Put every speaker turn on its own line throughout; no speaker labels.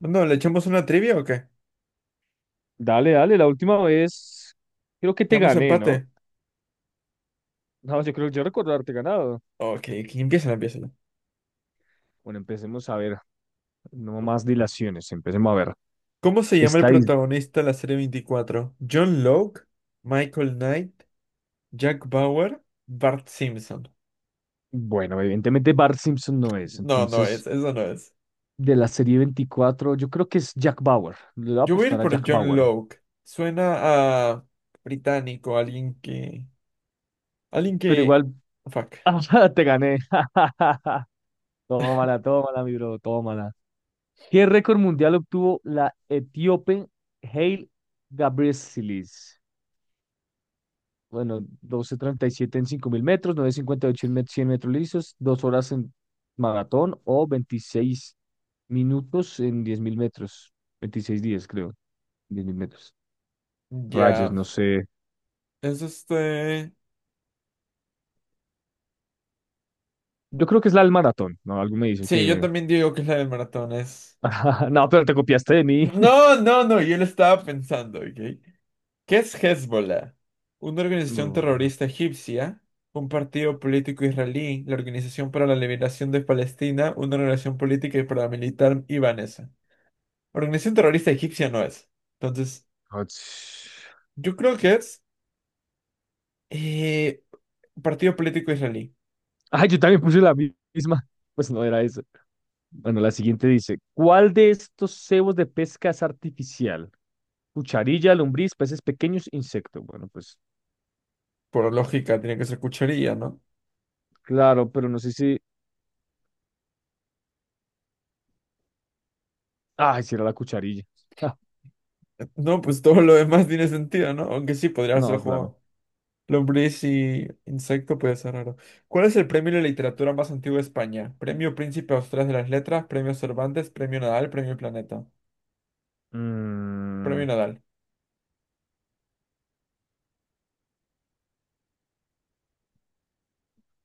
No, ¿le echamos una trivia o qué?
Dale, dale, la última vez creo que te
¿Digamos
gané, ¿no?
empate?
No, yo creo que yo recordarte ganado.
Ok, que empieza, empieza.
Bueno, empecemos a ver, no más dilaciones, empecemos a ver.
¿Cómo se llama el
Está ahí,
protagonista de la serie 24? ¿John Locke? ¿Michael Knight? ¿Jack Bauer? ¿Bart Simpson?
bueno, evidentemente Bart Simpson no es,
No, no
entonces
es, eso no es.
de la serie 24 yo creo que es Jack Bauer. Le voy a
Yo voy a ir
apostar a
por
Jack
John
Bauer,
Locke. Suena a británico, alguien que... Alguien
pero
que...
igual
Fuck.
ah, te gané. Tómala, tómala, mi bro, tómala. ¿Qué récord mundial obtuvo la etíope Haile Gabrielisis? Bueno, 12:37 en 5.000 metros, nueve cincuenta y ocho en 100 metros lisos, 2 horas en maratón o 26 minutos en 10.000 metros, 26 días creo, 10.000 metros. Rayos,
Ya.
no sé.
Es este...
Yo creo que es la del maratón, ¿no? Algo me dice
Sí, yo
que...
también digo que es la del maratón, es...
No, pero te copiaste de mí.
No, no, no, yo lo estaba pensando, ¿ok? ¿Qué es Hezbollah? Una organización
No, no.
terrorista egipcia, un partido político israelí, la Organización para la Liberación de Palestina, una organización política y paramilitar ibanesa. Organización terrorista egipcia no es. Entonces,
Ach.
yo creo que es eh, partido político israelí.
Ay, yo también puse la misma. Pues no era eso. Bueno, la siguiente dice, ¿cuál de estos cebos de pesca es artificial? Cucharilla, lombriz, peces pequeños, insecto. Bueno, pues
Por lógica, tiene que ser cucharilla, ¿no?
claro, pero no sé si. Ay, si era la cucharilla. Ah,
No, pues todo lo demás tiene sentido, ¿no? Aunque sí, podría ser
no, claro.
jugado. Lombriz y insecto puede ser raro. ¿Cuál es el premio de literatura más antiguo de España? Premio Príncipe Austral de las Letras, Premio Cervantes, Premio Nadal, Premio Planeta. Premio
Mm,
Nadal.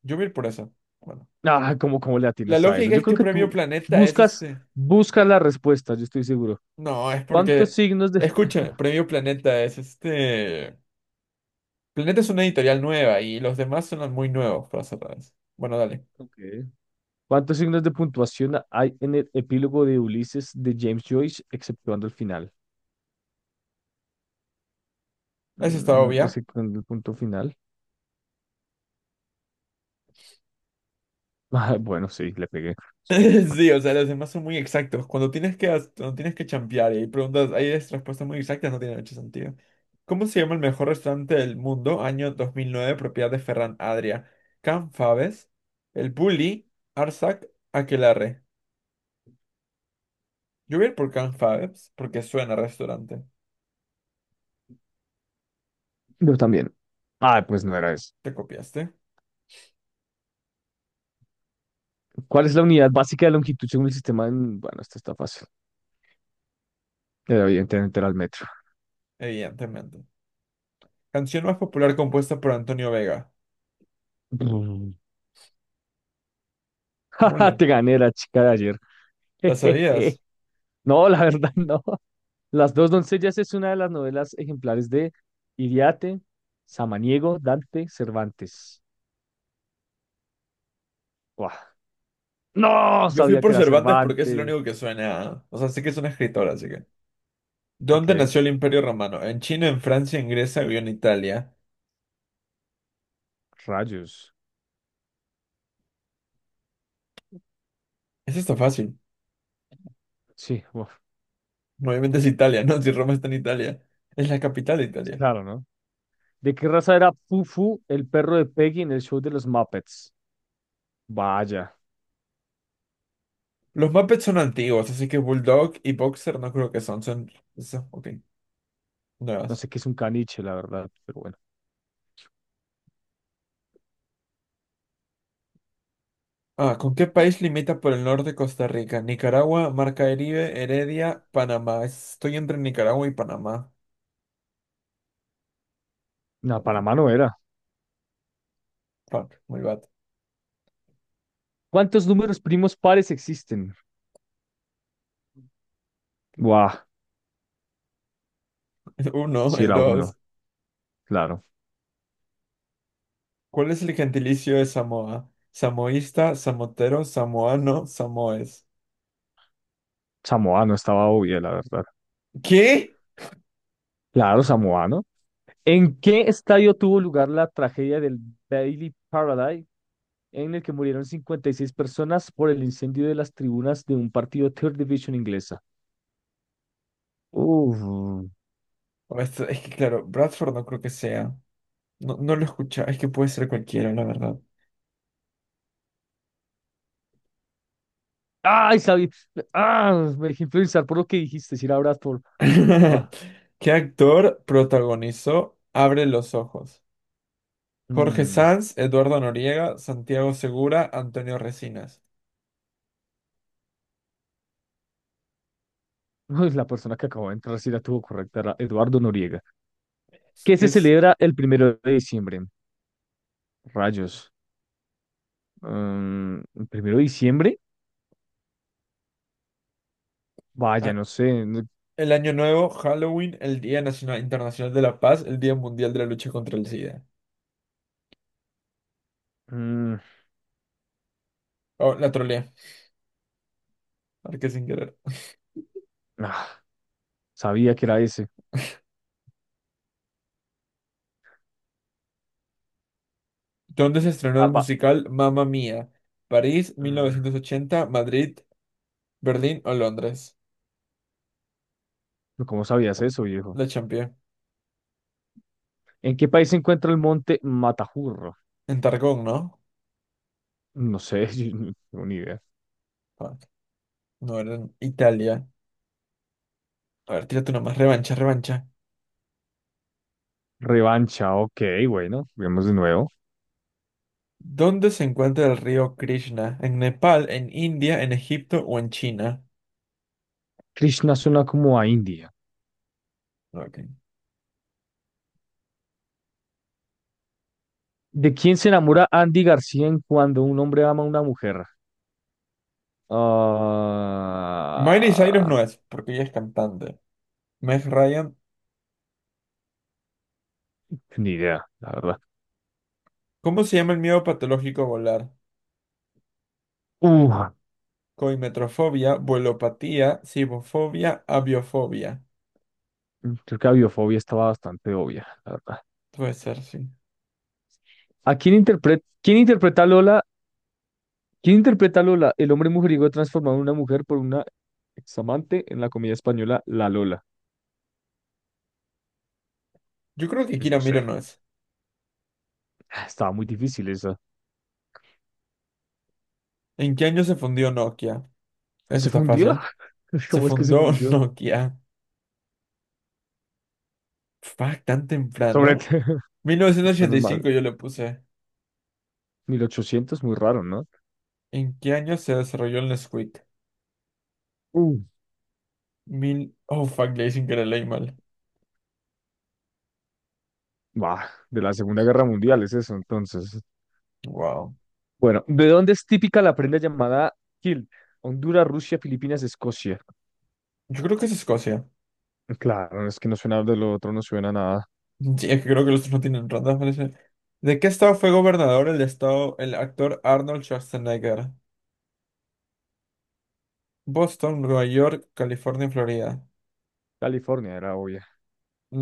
Yo voy a ir por eso. Bueno.
Ah, ¿cómo le
La
atinas a eso?
lógica
Yo
es
creo
que
que
Premio
tú
Planeta es
buscas,
este.
buscas la respuesta, yo estoy seguro.
No, es
¿Cuántos
porque.
signos de,
Escúchame, Premio Planeta es este. Planeta es una editorial nueva y los demás son muy nuevos, para ser raros. Bueno, dale.
Ok. ¿Cuántos signos de puntuación hay en el epílogo de Ulises de James Joyce, exceptuando el final?
Eso está
Mm,
obvia.
exceptuando el punto final. Ah, bueno, sí, le pegué.
Sí, o sea, los demás son muy exactos. Cuando tienes que, cuando tienes que champear y hay preguntas, hay respuestas muy exactas, no tiene mucho sentido. ¿Cómo se llama el mejor restaurante del mundo? Año 2009, propiedad de Ferran Adrià. Can Fabes, El Bulli, Arsac, Aquelarre. Yo voy a ir por Can Fabes porque suena a restaurante.
Yo también. Ah, pues no era eso.
¿Te copiaste?
¿Cuál es la unidad básica de longitud según el sistema? Bueno, esta está fácil. Era Evidentemente era el metro.
Evidentemente. Canción más popular compuesta por Antonio Vega.
Mm.
Mule.
Te gané la chica de ayer.
¿La sabías?
No, la verdad no. Las dos doncellas es una de las novelas ejemplares de Iriarte, Samaniego, Dante, Cervantes. Buah. No,
Yo fui
sabía que
por
era
Cervantes porque es el
Cervantes.
único que suena. ¿Eh? O sea, sí que es un escritor, así que. ¿Dónde
Ok,
nació el Imperio Romano? ¿En China, en Francia, en Grecia o en Italia?
rayos.
Eso está fácil.
Sí, buah,
Obviamente es Italia, ¿no? Si Roma está en Italia. Es la capital de Italia.
claro, ¿no? ¿De qué raza era Fufu, el perro de Peggy en el show de los Muppets? Vaya,
Los Muppets son antiguos, así que Bulldog y Boxer no creo que son. Son... Eso, ok,
no
nuevas.
sé qué es un caniche, la verdad, pero bueno.
Ah, ¿con qué país limita por el norte Costa Rica? Nicaragua, Mar Caribe, Heredia, Panamá. Estoy entre Nicaragua y Panamá.
No,
Ok,
Panamá no era.
fuck, muy bad.
¿Cuántos números primos pares existen? Buah,
El uno,
si
el
era uno.
dos.
Claro,
¿Cuál es el gentilicio de Samoa? Samoísta, samotero, samoano, samoes.
Samoa no estaba obvia, la verdad.
¿Qué?
Claro, Samoa, ¿no? ¿En qué estadio tuvo lugar la tragedia del Bailey Paradise, en el que murieron 56 personas por el incendio de las tribunas de un partido Third Division inglesa? Uf.
Es que claro, Bradford no creo que sea. No, no lo escucha. Es que puede ser cualquiera, la verdad.
Ay, sabía. Ah, me dejé influenciar por lo que dijiste, si era Bradford. Ah,
¿Qué actor protagonizó Abre los ojos? Jorge
mm.
Sanz, Eduardo Noriega, Santiago Segura, Antonio Resinas.
Uy, la persona que acabó de entrar sí la tuvo correcta, era Eduardo Noriega. ¿Qué
¿Qué
se
es
celebra el 1 de diciembre? Rayos. ¿El 1 de diciembre? Vaya,
ah,
no sé.
el Año Nuevo, Halloween, el Día Nacional Internacional de la Paz, el Día Mundial de la Lucha contra el SIDA?
Mm,
Oh, la trolea. Marqué sin querer.
ah, sabía que era ese.
¿Dónde se estrenó
Ah,
el musical Mamma Mía? ¿París, mil
mm,
novecientos ochenta, Madrid, Berlín o Londres?
¿Cómo sabías eso, viejo?
La Champions.
¿En qué país se encuentra el monte Matajurro?
En Targón, ¿no?
No sé, yo no tengo ni idea.
Fuck. No, era en Italia. A ver, tírate una más. Revancha, revancha.
Revancha, ok, bueno, vemos de nuevo.
¿Dónde se encuentra el río Krishna? ¿En Nepal, en India, en Egipto o en China?
Krishna suena como a India.
Ok.
¿De quién se enamora Andy García en cuando un hombre ama a una mujer?
Miley Cyrus
Ah,
no es, porque ella es cantante. Meg Ryan.
ni idea, la verdad.
¿Cómo se llama el miedo patológico a volar?
Uh,
Coimetrofobia, vuelopatía, cibofobia, aviofobia.
Creo que la biofobia estaba bastante obvia, la verdad.
Puede ser, sí.
¿A quién interpreta a Lola ¿Quién interpreta a Lola, el hombre mujeriego transformado en una mujer por una examante en la comedia española La Lola?
Yo creo que
No
Kira Miro
sé.
no es.
Ah, estaba muy difícil esa.
¿En qué año se fundió Nokia? Eso
¿Se
está
fundió?
fácil. Se
¿Cómo es que se
fundó
fundió?
Nokia. Fuck, tan
Sobre...
temprano. mil novecientos ochenta
Menos
y
mal.
cinco yo le puse.
1800, muy raro, ¿no?
¿En qué año se desarrolló el Nesquik?
Uh,
Mil... Oh, fuck, le dicen que le leí mal.
bah, de la Segunda Guerra Mundial es eso, entonces.
Wow.
Bueno, ¿de dónde es típica la prenda llamada kilt? Honduras, Rusia, Filipinas, Escocia.
Yo creo que es Escocia.
Claro, es que no suena de lo otro, no suena a nada.
Sí, es que creo que los otros no tienen rondas, parece. ¿De qué estado fue gobernador el estado, el actor Arnold Schwarzenegger? Boston, Nueva York, California, Florida.
California era obvia.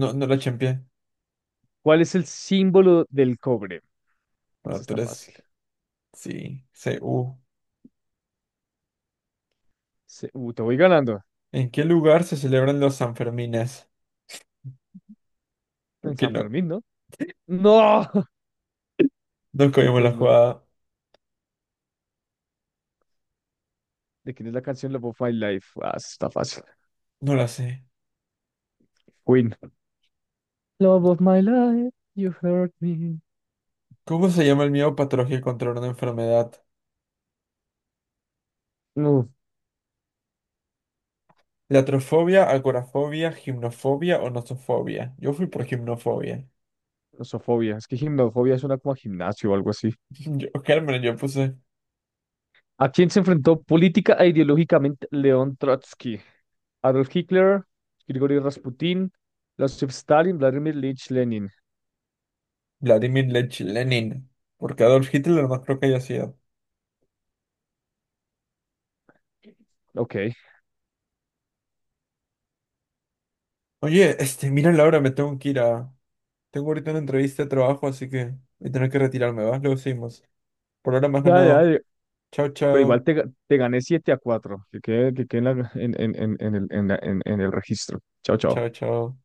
No, no la champié.
¿Cuál es el símbolo del cobre?
Bueno,
Eso
tú
está
eres...
fácil.
Sí, Cu.
Te voy ganando.
¿En qué lugar se celebran los Sanfermines? Creo
En
que
San
no.
Fermín, ¿no? ¡No!
No cogimos la
Pues no.
jugada.
¿De quién es la canción Love of My Life? Ah, eso está fácil.
No la sé.
Queen. Love of my life, you hurt me.
¿Cómo se llama el miedo patológico contra una enfermedad?
No,
Latrofobia, agorafobia, gimnofobia o nosofobia. Yo fui por gimnofobia.
nosofobia. Es que gimnofobia suena como a gimnasio o algo así.
Yo, Germán, yo puse
¿A quién se enfrentó política e ideológicamente León Trotsky? Adolf Hitler, Grigori Rasputin, Joseph Stalin, Vladimir Lich Lenin.
Vladimir Lech Lenin. Porque Adolf Hitler no creo que haya sido.
Ok.
Oye, este, mira Laura, me tengo que ir a... Tengo ahorita una entrevista de trabajo, así que voy a tener que retirarme, ¿vas? Luego seguimos. Por ahora me has
Ya,
ganado.
ya.
Chao,
Pero igual
chao.
te gané 7-4. Que quede en el registro. Chao, chao.
Chao, chao.